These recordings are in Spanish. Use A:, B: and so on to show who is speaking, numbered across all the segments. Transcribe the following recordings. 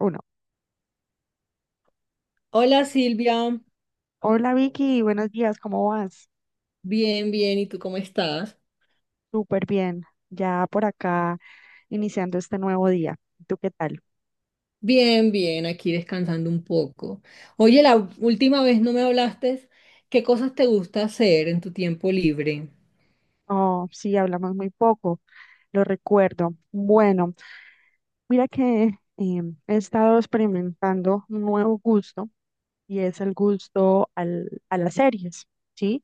A: Uno.
B: Hola Silvia,
A: Hola Vicky, buenos días, ¿cómo vas?
B: bien, bien, ¿y tú cómo estás?
A: Súper bien, ya por acá iniciando este nuevo día. ¿Tú qué tal?
B: Bien, bien, aquí descansando un poco. Oye, la última vez no me hablaste, ¿qué cosas te gusta hacer en tu tiempo libre?
A: Oh, sí, hablamos muy poco, lo recuerdo. Bueno, mira que he estado experimentando un nuevo gusto y es el gusto a las series, ¿sí?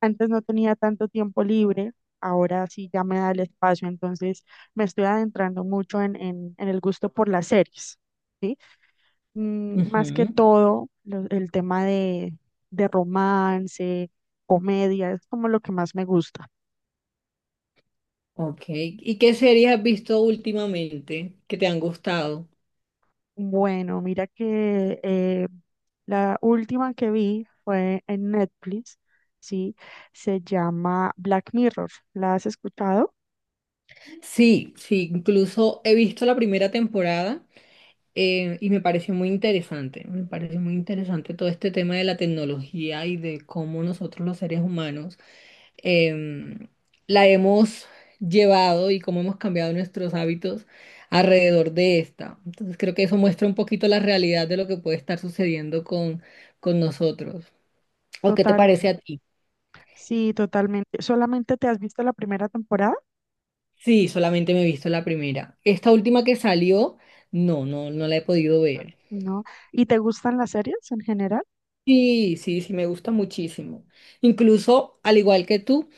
A: Antes no tenía tanto tiempo libre, ahora sí ya me da el espacio, entonces me estoy adentrando mucho en el gusto por las series. ¿Sí? Mm, más que
B: Ujú.
A: todo, el tema de romance, comedia, es como lo que más me gusta.
B: Ok, ¿y qué series has visto últimamente que te han gustado?
A: Bueno, mira que la última que vi fue en Netflix, ¿sí? Se llama Black Mirror. ¿La has escuchado?
B: Sí, sí, incluso he visto la primera temporada, y me pareció muy interesante, me pareció muy interesante todo este tema de la tecnología y de cómo nosotros los seres humanos em, la hemos llevado y cómo hemos cambiado nuestros hábitos alrededor de esta. Entonces creo que eso muestra un poquito la realidad de lo que puede estar sucediendo con nosotros. ¿O qué te
A: Total,
B: parece a ti?
A: sí, totalmente. ¿Solamente te has visto la primera temporada?
B: Sí, solamente me he visto la primera. Esta última que salió, no, no la he podido ver.
A: ¿No? ¿Y te gustan las series en general?
B: Sí, sí, sí, me gusta muchísimo. Incluso, al igual que tú,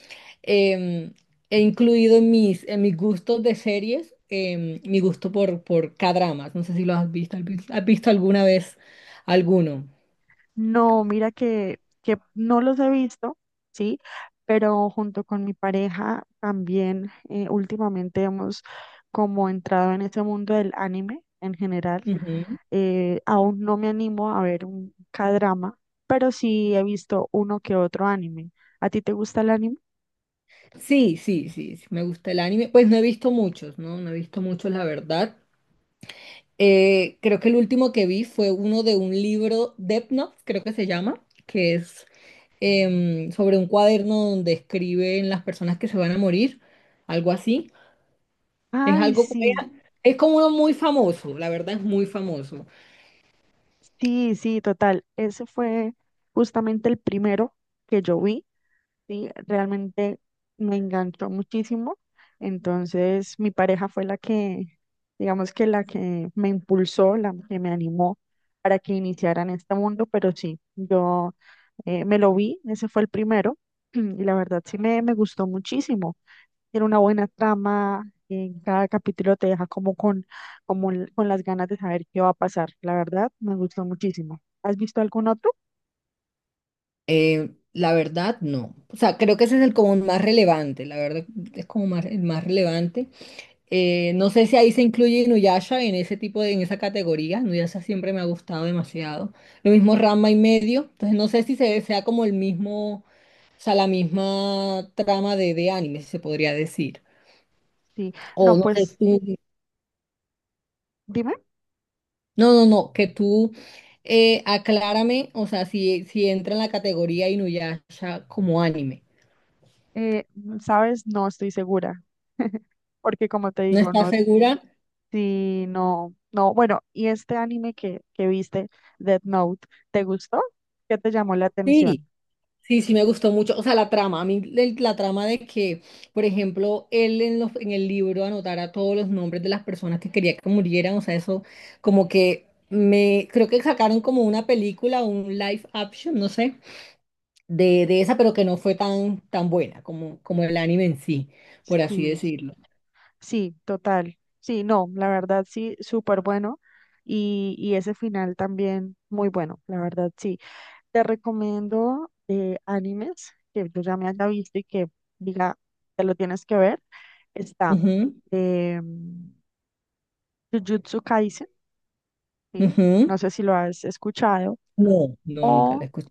B: em, he incluido en en mis gustos de series, mi gusto por K-dramas. No sé si lo has visto. ¿Has visto alguna vez alguno?
A: No, mira que no los he visto, ¿sí? Pero junto con mi pareja también últimamente hemos como entrado en ese mundo del anime en general.
B: Ujú.
A: Aún no me animo a ver un k pero sí he visto uno que otro anime. ¿A ti te gusta el anime?
B: Sí, sí, sí, sí, me gusta el anime. Pues no he visto muchos, ¿no? No he visto muchos, la verdad. Creo que el último que vi fue uno de un libro, Death Note, creo que se llama, que es, sobre un cuaderno donde escriben las personas que se van a morir, algo así. Es
A: Ay,
B: algo como-
A: sí.
B: es como uno muy famoso, la verdad es muy famoso.
A: Sí, sí, total. Ese fue justamente el primero que yo vi. Sí, realmente me enganchó muchísimo. Entonces, mi pareja fue la que, digamos que la que me impulsó, la que me animó para que iniciara en este mundo. Pero sí, yo me lo vi, ese fue el primero. Y la verdad sí me gustó muchísimo. Tiene una buena trama, en cada capítulo te deja como con, como con las ganas de saber qué va a pasar. La verdad, me gustó muchísimo. ¿Has visto algún otro?
B: La verdad, no. O sea, creo que ese es el como más relevante, la verdad es como más, el más relevante. No sé si ahí se incluye Inuyasha en ese tipo en esa categoría. Inuyasha siempre me ha gustado demasiado. Lo mismo Rama y medio. Entonces no sé si se, sea como el mismo, o sea, la misma trama de anime, si se podría decir.
A: Sí.
B: O
A: No,
B: no sé,
A: pues dime,
B: no, no, no, que tú, aclárame, o sea, si, si entra en la categoría Inuyasha como anime.
A: eh, ¿sabes? No estoy segura. Porque como te
B: ¿No
A: digo,
B: estás
A: no,
B: segura?
A: sí, no, no. Bueno, ¿y este anime que viste, Death Note, te gustó? ¿Qué te llamó la
B: Sí,
A: atención?
B: sí, sí me gustó mucho. O sea, la trama, a mí la trama de que, por ejemplo, en el libro anotara todos los nombres de las personas que quería que murieran, o sea, eso como que me, creo que sacaron como una película, un live action, no sé, de esa, pero que no fue tan, tan buena como, como el anime en sí, por así
A: Sí.
B: decirlo.
A: Sí, total. Sí, no, la verdad sí, súper bueno. Y ese final también muy bueno, la verdad sí. Te recomiendo animes que yo ya me haya visto y que diga, te lo tienes que ver. Está
B: Ujú,
A: eh, Jujutsu Kaisen, ¿sí? No
B: ujú.
A: sé si lo has escuchado.
B: No, no, nunca la
A: O
B: escuché.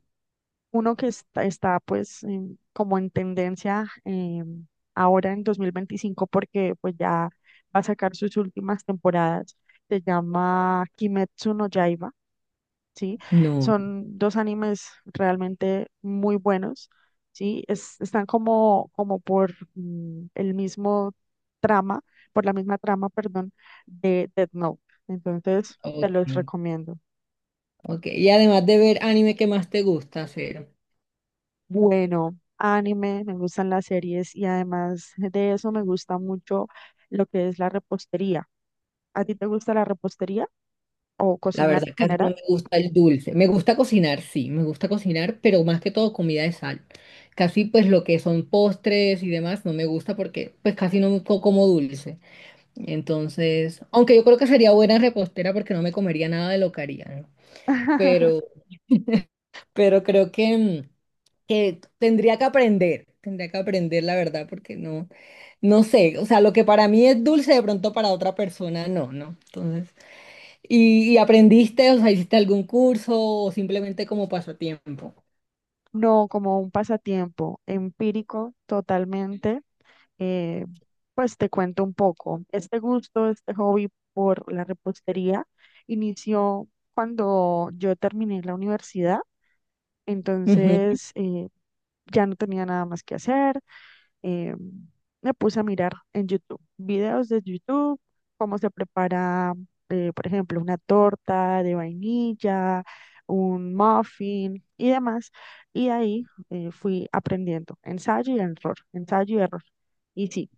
A: uno que está, pues como en tendencia ahora en 2025 porque pues ya va a sacar sus últimas temporadas. Se llama Kimetsu no Yaiba, ¿sí?
B: No,
A: Son dos animes realmente muy buenos, ¿sí? Están como, como por el mismo trama, por la misma trama, perdón, de Death Note. Entonces, te los
B: ok,
A: recomiendo.
B: ok. Y además de ver anime, ¿qué más te gusta hacer?
A: Bueno, anime, me gustan las series y además de eso me gusta mucho lo que es la repostería. ¿A ti te gusta la repostería o
B: La
A: cocinar
B: verdad,
A: en
B: casi no
A: general?
B: me gusta el dulce. Me gusta cocinar, sí, me gusta cocinar, pero más que todo comida de sal. Casi pues lo que son postres y demás no me gusta porque pues casi no como dulce. Entonces, aunque yo creo que sería buena repostera porque no me comería nada de lo que haría, ¿no? Pero, pero creo que... mm, que tendría que aprender la verdad, porque no, no sé, o sea, lo que para mí es dulce, de pronto para otra persona no, ¿no? Entonces, y aprendiste, o sea, hiciste algún curso o simplemente como pasatiempo?
A: No, como un pasatiempo empírico totalmente. Eh, pues te cuento un poco. Este gusto, este hobby por la repostería inició cuando yo terminé la universidad,
B: Ujú.
A: entonces ya no tenía nada más que hacer. eh, me puse a mirar en YouTube, videos de YouTube, cómo se prepara, por ejemplo, una torta de vainilla, un muffin y demás. Y ahí fui aprendiendo, ensayo y error, ensayo y error. Y sí,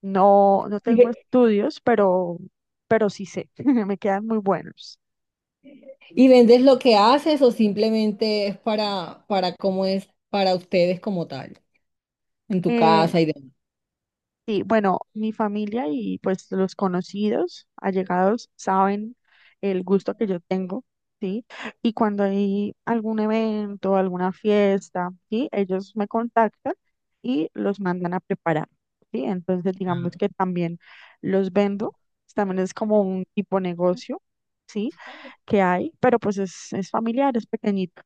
A: no
B: ¿Y,
A: tengo
B: ve-
A: estudios, pero sí sé, me quedan muy buenos.
B: ¿Y vendes lo que haces o simplemente es para cómo es para ustedes como tal, en tu
A: Eh,
B: casa y
A: Sí, bueno, mi familia y pues los conocidos, allegados, saben el gusto que yo tengo, ¿sí? Y cuando hay algún evento, alguna fiesta, ¿sí? Ellos me contactan y los mandan a preparar, ¿sí? Entonces, digamos
B: demás?
A: que también los vendo, también es como un tipo negocio, ¿sí? Que hay, pero pues es familiar, es pequeñito.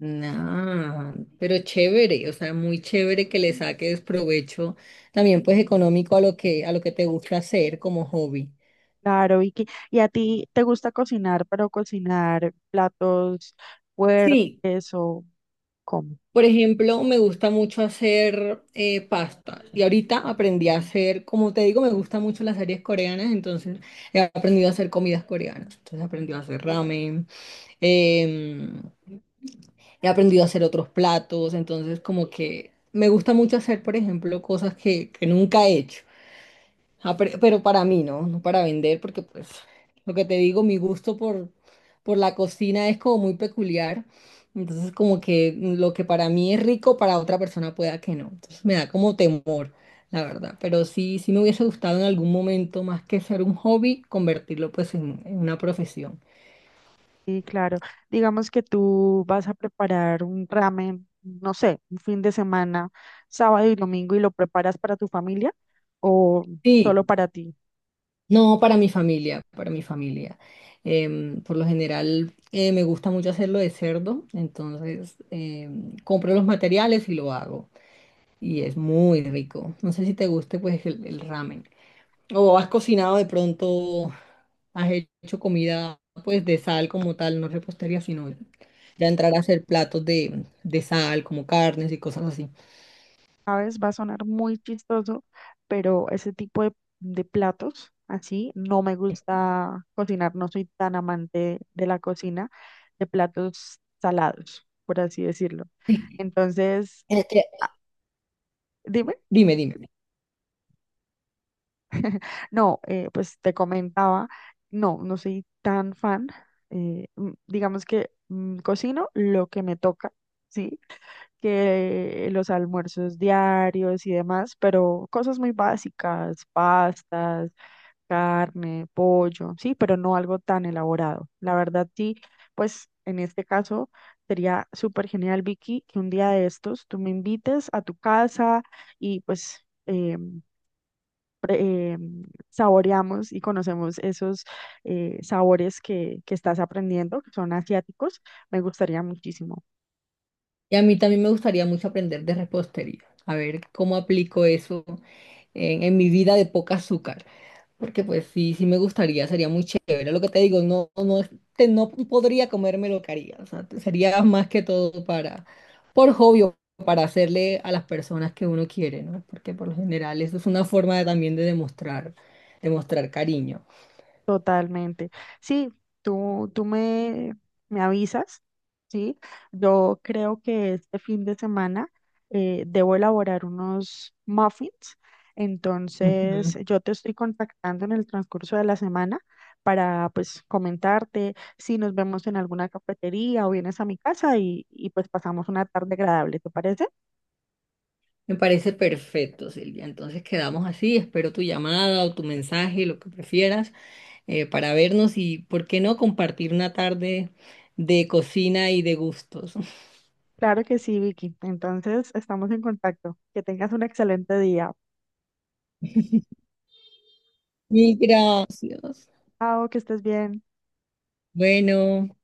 B: Nah, pero chévere, o sea, muy chévere que le saques provecho también pues económico a lo que te gusta hacer como hobby.
A: Claro, Vicky. ¿Y a ti te gusta cocinar, pero cocinar platos
B: Sí,
A: fuertes o... Como.
B: por ejemplo, me gusta mucho hacer, pasta, y ahorita aprendí a hacer, como te digo, me gustan mucho las series coreanas, entonces he aprendido a hacer comidas coreanas, entonces he aprendido a hacer ramen. em, He aprendido a hacer otros platos, entonces como que me gusta mucho hacer, por ejemplo, cosas que nunca he hecho. Ah, pero para mí, ¿no? No para vender, porque pues lo que te digo, mi gusto por la cocina es como muy peculiar. Entonces, como que lo que para mí es rico, para otra persona pueda que no. Entonces, me da como temor, la verdad. Pero sí, sí me hubiese gustado en algún momento, más que ser un hobby, convertirlo pues en una profesión.
A: Y claro, digamos que tú vas a preparar un ramen, no sé, un fin de semana, sábado y domingo, y lo preparas para tu familia o
B: Sí,
A: solo para ti.
B: no, para mi familia, para mi familia. Em, por lo general, me gusta mucho hacerlo de cerdo, entonces, compro los materiales y lo hago. Y es muy rico. No sé si te guste pues el ramen. O has cocinado de pronto, has hecho comida pues de sal como tal, no repostería, sino ya entrar a hacer platos de sal, como carnes y cosas así.
A: ¿Sabes? Va a sonar muy chistoso, pero ese tipo de platos así no me gusta cocinar, no soy tan amante de la cocina, de platos salados, por así decirlo.
B: Sí.
A: Entonces,
B: Este,
A: ah, dime.
B: dime, dime.
A: No, pues te comentaba, no, no soy tan fan. Eh, mm, digamos que cocino lo que me toca, ¿sí? Que los almuerzos diarios y demás, pero cosas muy básicas, pastas, carne, pollo, sí, pero no algo tan elaborado. La verdad, sí, pues en este caso sería súper genial, Vicky, que un día de estos tú me invites a tu casa y pues... pre- eh, saboreamos y conocemos esos sabores que estás aprendiendo, que son asiáticos, me gustaría muchísimo.
B: Y a mí también me gustaría mucho aprender de repostería, a ver cómo aplico eso en mi vida de poca azúcar. Porque pues sí, sí me gustaría, sería muy chévere. Lo que te digo, no, no, no podría comerme lo que haría. O sea, sería más que todo para, por hobby, o para hacerle a las personas que uno quiere, ¿no? Porque por lo general eso es una forma de, también de demostrar, demostrar cariño.
A: Totalmente. Sí, tú me avisas, ¿sí? Yo creo que este fin de semana debo elaborar unos muffins,
B: Ujú.
A: entonces yo te estoy contactando en el transcurso de la semana para pues comentarte si nos vemos en alguna cafetería o vienes a mi casa y pues pasamos una tarde agradable, ¿te parece?
B: Me parece perfecto, Silvia. Entonces quedamos así. Espero tu llamada o tu mensaje, lo que prefieras, para vernos y, ¿por qué no compartir una tarde de cocina y de gustos?
A: Claro que sí, Vicky. Entonces estamos en contacto. Que tengas un excelente día.
B: Mil gracias.
A: Chao, que estés bien.
B: Bueno.